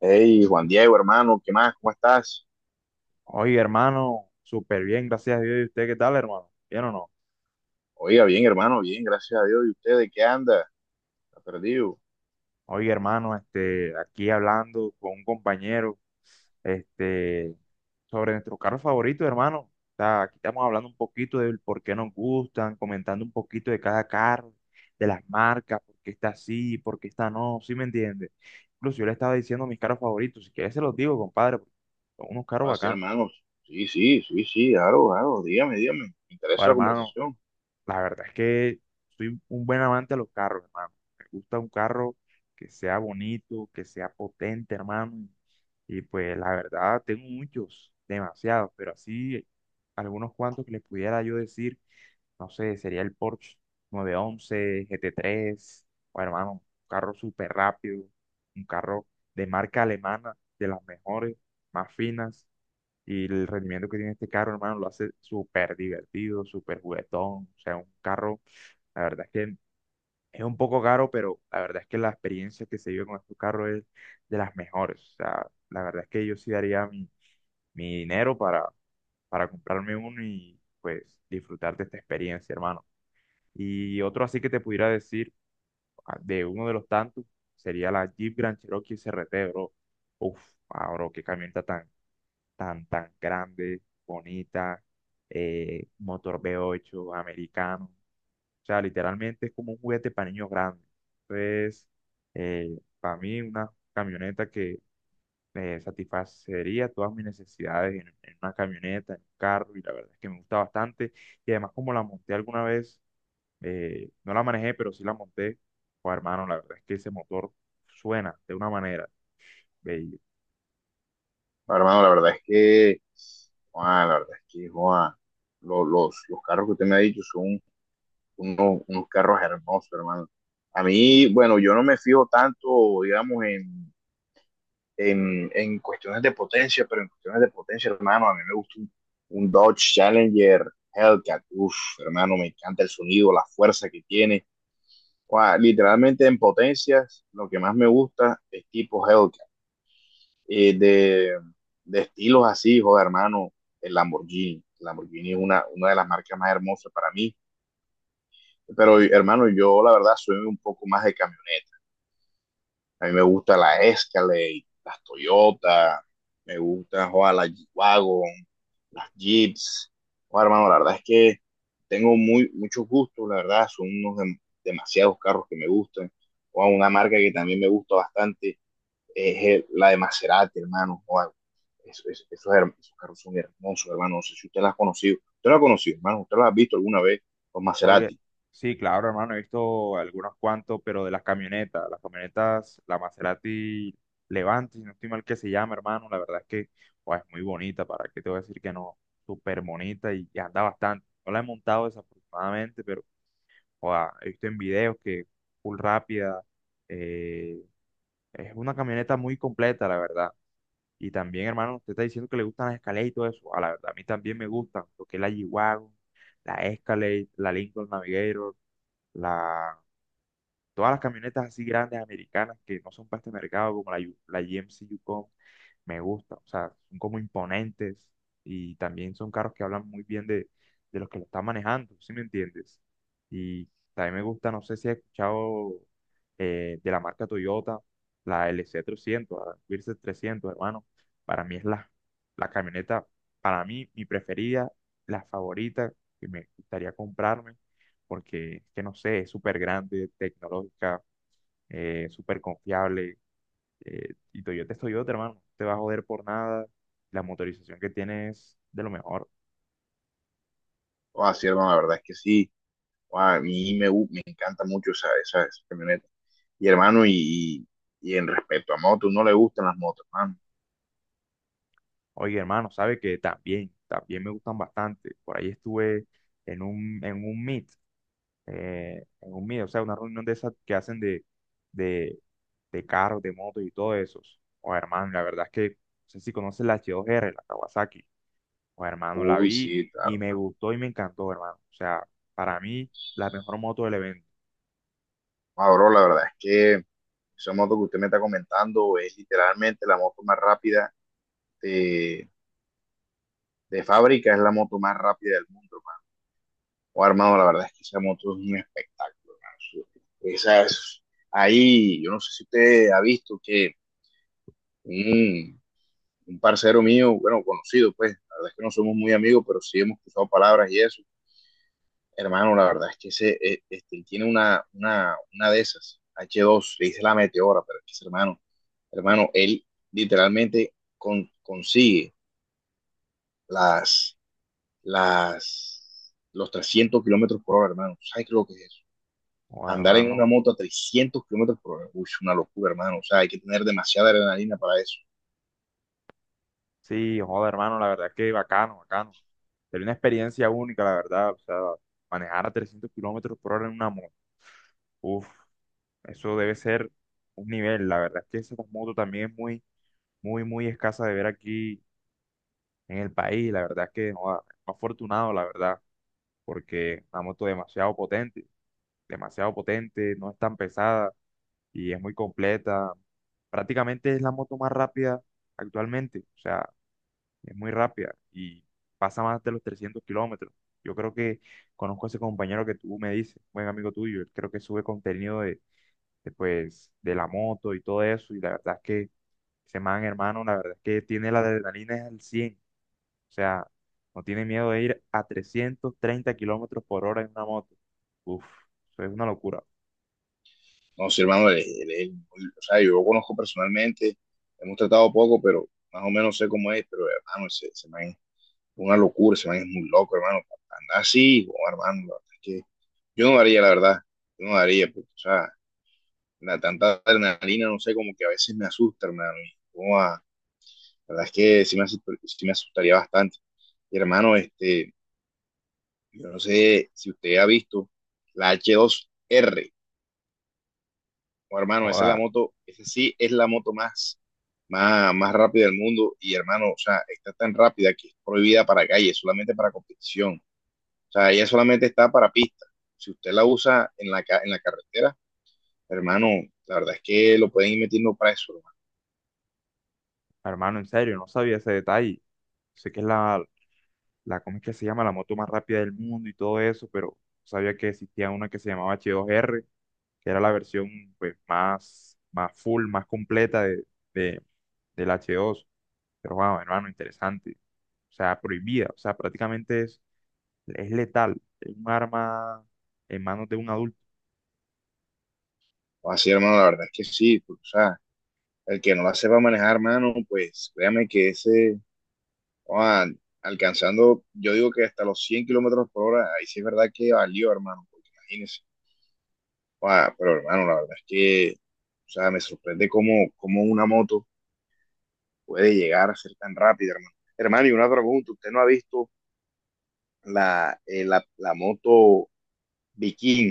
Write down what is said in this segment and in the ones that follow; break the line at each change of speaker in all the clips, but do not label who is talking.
Hey, Juan Diego, hermano, ¿qué más? ¿Cómo estás?
Oye, hermano, súper bien, gracias a Dios. ¿Y usted qué tal, hermano? ¿Bien o no?
Oiga, bien, hermano, bien, gracias a Dios. ¿Y usted de qué anda? ¿Está perdido?
Oye, hermano, aquí hablando con un compañero, este, sobre nuestros carros favoritos, hermano. O sea, aquí estamos hablando un poquito del por qué nos gustan, comentando un poquito de cada carro, de las marcas, por qué está así, por qué está no, ¿sí me entiende? Incluso yo le estaba diciendo mis carros favoritos, si quieres se los digo, compadre, porque son unos carros
Ah, sí,
bacanos.
hermano. Sí, sí, sí, sí, claro, claro. Dígame, dígame. Me
Bueno,
interesa la
hermano,
conversación.
la verdad es que soy un buen amante a los carros, hermano. Me gusta un carro que sea bonito, que sea potente, hermano. Y pues la verdad, tengo muchos, demasiados, pero así algunos cuantos que les pudiera yo decir, no sé, sería el Porsche 911, GT3, o hermano, un carro súper rápido, un carro de marca alemana, de las mejores, más finas. Y el rendimiento que tiene este carro, hermano, lo hace súper divertido, súper juguetón. O sea, un carro, la verdad es que es un poco caro, pero la verdad es que la experiencia que se vive con estos carros es de las mejores. O sea, la verdad es que yo sí daría mi dinero para comprarme uno y pues disfrutar de esta experiencia, hermano. Y otro así que te pudiera decir, ah, de uno de los tantos, sería la Jeep Grand Cherokee SRT, bro. Uf, ah, bro, qué camioneta tan grande, bonita, motor V8 americano. O sea, literalmente es como un juguete para niños grandes. Entonces, para mí una camioneta que satisfacería todas mis necesidades en una camioneta, en un carro, y la verdad es que me gusta bastante. Y además como la monté alguna vez, no la manejé, pero sí la monté, pues hermano, la verdad es que ese motor suena de una manera. Ve,
Ah, hermano, la verdad es que, Juan, los carros que usted me ha dicho son unos carros hermosos, hermano. A mí, bueno, yo no me fijo tanto, digamos, en cuestiones de potencia, pero en cuestiones de potencia, hermano, a mí me gusta un Dodge Challenger Hellcat. Uff, hermano, me encanta el sonido, la fuerza que tiene. Wow, literalmente en potencias, lo que más me gusta es tipo Hellcat. Eh, de, de estilos así, joder, hermano, el Lamborghini. El Lamborghini es una de las marcas más hermosas para mí. Pero, hermano, yo la verdad soy un poco más de camioneta. A mí me gusta la Escalade, las Toyota, me gusta joder, la G-Wagon, las Jeeps. Joder, hermano, la verdad es que tengo muchos gustos, la verdad, son unos demasiados carros que me gustan. Joder, una marca que también me gusta bastante es la de Maserati, hermano. Joder, esos esos carros son hermosos, hermano. No sé si usted las ha conocido. ¿Usted las ha conocido, hermano? ¿Usted las ha visto alguna vez? Los
Oye,
Maserati.
sí, claro, hermano, he visto algunos cuantos, pero de las camionetas, la Maserati Levante, si no estoy mal que se llama, hermano, la verdad es que oh, es muy bonita, ¿para qué te voy a decir que no? Súper bonita y anda bastante. No la he montado desafortunadamente, pero oh, he visto en videos que full rápida, eh, es una camioneta muy completa, la verdad. Y también, hermano, usted está diciendo que le gustan las Escalade y todo eso, a la verdad, a mí también me gustan, lo que es la g la Escalade, la Lincoln Navigator la, todas las camionetas así grandes americanas que no son para este mercado, como la, la GMC Yukon, me gusta. O sea, son como imponentes y también son carros que hablan muy bien de los que lo están manejando, ¿sí me entiendes? Y también me gusta, no sé si has escuchado de la marca Toyota, la LC300, la Versa 300, hermano. Para mí es la camioneta, para mí, mi preferida, la favorita que me gustaría comprarme, porque es que no sé, es súper grande, tecnológica, súper confiable, y Toyota es Toyota, hermano. No te va a joder por nada. La motorización que tiene es de lo mejor.
Joder, sí, hermano, la verdad es que sí. Guau, a mí me, gu- me encanta mucho esa esa camioneta. Y hermano, y en respecto a motos, no le gustan las motos, hermano.
Oye, hermano, sabe que también, también me gustan bastante. Por ahí estuve en un meet, en un meet, o sea, una reunión de esas que hacen de, de carros, de motos y todo eso. O hermano, la verdad es que, no sé si conoces la H2R, la Kawasaki. O hermano, la
Uy,
vi
sí,
y
claro,
me
hermano.
gustó y me encantó, hermano. O sea, para mí, la mejor moto del evento.
Ah, bro, la verdad es que esa moto que usted me está comentando es literalmente la moto más rápida de, de fábrica, es la moto más rápida del mundo, hermano. Oh, hermano, la verdad es que esa moto es un espectáculo, hermano. Esa es, ahí, yo no sé si usted ha visto que un un parcero mío, bueno, conocido, pues, la verdad es que no somos muy amigos, pero sí hemos cruzado palabras y eso. Hermano, la verdad es que ese, él tiene una una de esas, H2, le dice la meteora, pero es que ese hermano, hermano, él literalmente consigue las, los 300 kilómetros por hora, hermano. ¿Sabes qué es lo que es eso?
O
Andar en una
hermano.
moto a 300 kilómetros por hora, uy, es una locura, hermano. O sea, hay que tener demasiada adrenalina para eso.
Sí, joder, hermano, la verdad que bacano, bacano. Sería una experiencia única, la verdad. O sea, manejar a 300 kilómetros por hora en una moto. Uf, eso debe ser un nivel. La verdad es que esa moto también es muy, muy, muy escasa de ver aquí en el país. La verdad es que, joder, afortunado, la verdad, porque una moto demasiado potente, no es tan pesada y es muy completa. Prácticamente es la moto más rápida actualmente. O sea, es muy rápida y pasa más de los 300 kilómetros. Yo creo que conozco a ese compañero que tú me dices, buen amigo tuyo, él creo que sube contenido de la moto y todo eso, y la verdad es que ese man, hermano, la verdad es que tiene la adrenalina al cien, o sea, no tiene miedo de ir a 330 kilómetros por hora en una moto. Uf, eso es una locura.
No, sí, hermano, o sea, yo lo conozco personalmente, hemos tratado poco, pero más o menos sé cómo es, pero hermano, ese man es una locura, ese man es muy loco, hermano, para andar así, oh, hermano, la verdad es que yo no daría, la verdad, yo no daría, porque, o sea, la tanta adrenalina, no sé, como que a veces me asusta, hermano, la verdad es que sí sí me asustaría bastante. Y hermano, este, yo no sé si usted ha visto la H2R o hermano, esa es la
Joda,
moto, esa sí es la moto más más rápida del mundo. Y hermano, o sea, está tan rápida que es prohibida para calle, solamente para competición. O sea, ella solamente está para pista. Si usted la usa en en la carretera, hermano, la verdad es que lo pueden ir metiendo preso, hermano.
hermano, en serio, no sabía ese detalle. Sé que es la, ¿cómo es que se llama? La moto más rápida del mundo y todo eso, pero sabía que existía una que se llamaba H2R, que era la versión pues más full, más completa de- del H2. Pero wow, hermano, interesante. O sea, prohibida, o sea, prácticamente es letal, es un arma en manos de un adulto.
O así, hermano, la verdad es que sí. Porque, o sea, el que no la sepa manejar, hermano, pues créame que ese, ah, alcanzando, yo digo que hasta los 100 kilómetros por hora, ahí sí es verdad que valió, hermano, porque imagínese. Ah, pero hermano, la verdad es que, o sea, me sorprende cómo una moto puede llegar a ser tan rápida, hermano. Hermano, y una pregunta, ¿usted no ha visto la moto Viking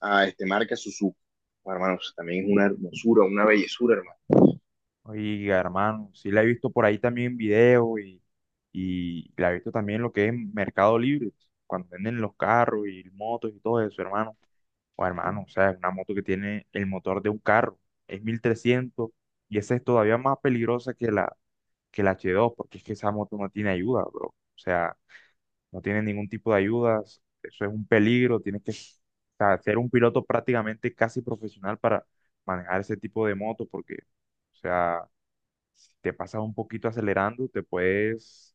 a este marca Suzuki? Bueno, hermano, o sea, también es una hermosura, una bellezura, hermano.
Oiga, hermano, sí la he visto por ahí también en video y la he visto también en lo que es Mercado Libre, cuando venden los carros y motos y todo eso, hermano. O hermano, o sea, es una moto que tiene el motor de un carro, es 1300 y esa es todavía más peligrosa que la, H2 porque es que esa moto no tiene ayuda, bro. O sea, no tiene ningún tipo de ayudas, eso es un peligro, tienes que o sea, ser un piloto prácticamente casi profesional para manejar ese tipo de moto porque, o sea, si te pasas un poquito acelerando, te puedes,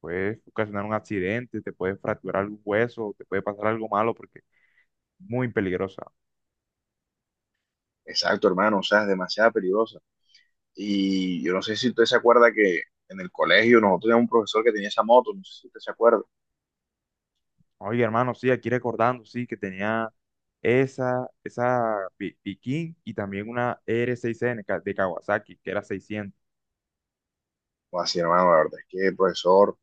puedes ocasionar un accidente, te puedes fracturar algún hueso, te puede pasar algo malo porque es muy peligrosa.
Exacto, hermano, o sea, es demasiado peligrosa. Y yo no sé si usted se acuerda que en el colegio nosotros teníamos un profesor que tenía esa moto, no sé si usted se acuerda.
Oye, hermano, sí, aquí recordando, sí, que tenía esa Piquín y también una R6N de Kawasaki, que era 600.
O así, hermano, la verdad es que el profesor,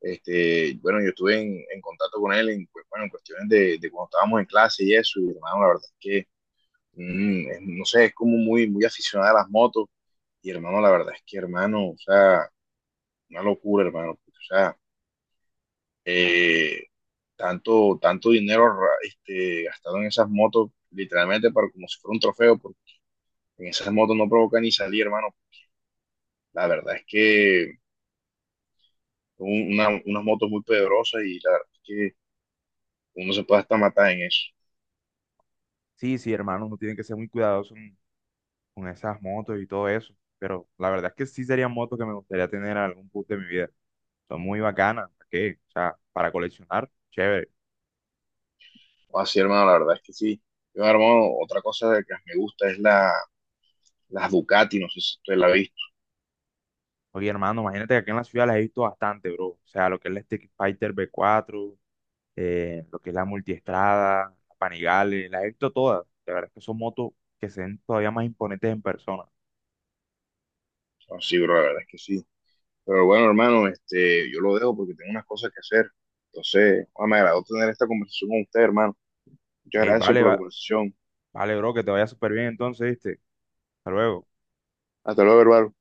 este, bueno, yo estuve en contacto con él en, pues, bueno, en cuestiones de cuando estábamos en clase y eso, y hermano, la verdad es que mm, no sé, es como muy aficionada a las motos. Y hermano, la verdad es que hermano, o sea, una locura, hermano. Porque, o sea, eh, tanto dinero gastado en esas motos, literalmente para, como si fuera un trofeo, porque en esas motos no provoca ni salir, hermano. La verdad es que son unas motos muy poderosas y la verdad es que uno se puede hasta matar en eso.
Sí, sí, hermano, uno tiene que ser muy cuidadoso con esas motos y todo eso. Pero la verdad es que sí serían motos que me gustaría tener en algún punto de mi vida. Son muy bacanas, ¿para qué? O sea, para coleccionar, chévere.
O así, hermano, la verdad es que sí. Yo, hermano, otra cosa que me gusta es las Ducati, no sé si usted la ha visto.
Oye, hermano, imagínate que aquí en la ciudad las he visto bastante, bro. O sea, lo que es la Street Fighter V4, lo que es la multiestrada, la Panigale, la he visto todas. La verdad es que son motos que se ven todavía más imponentes en persona.
No, sí, bro, la verdad es que sí. Pero bueno, hermano, este, yo lo dejo porque tengo unas cosas que hacer. Entonces, ah, me agradó tener esta conversación con usted, hermano. Muchas
Ey,
gracias
vale,
por la conversación.
vale, bro, que te vaya súper bien entonces, ¿viste? Hasta luego.
Hasta luego, hermano.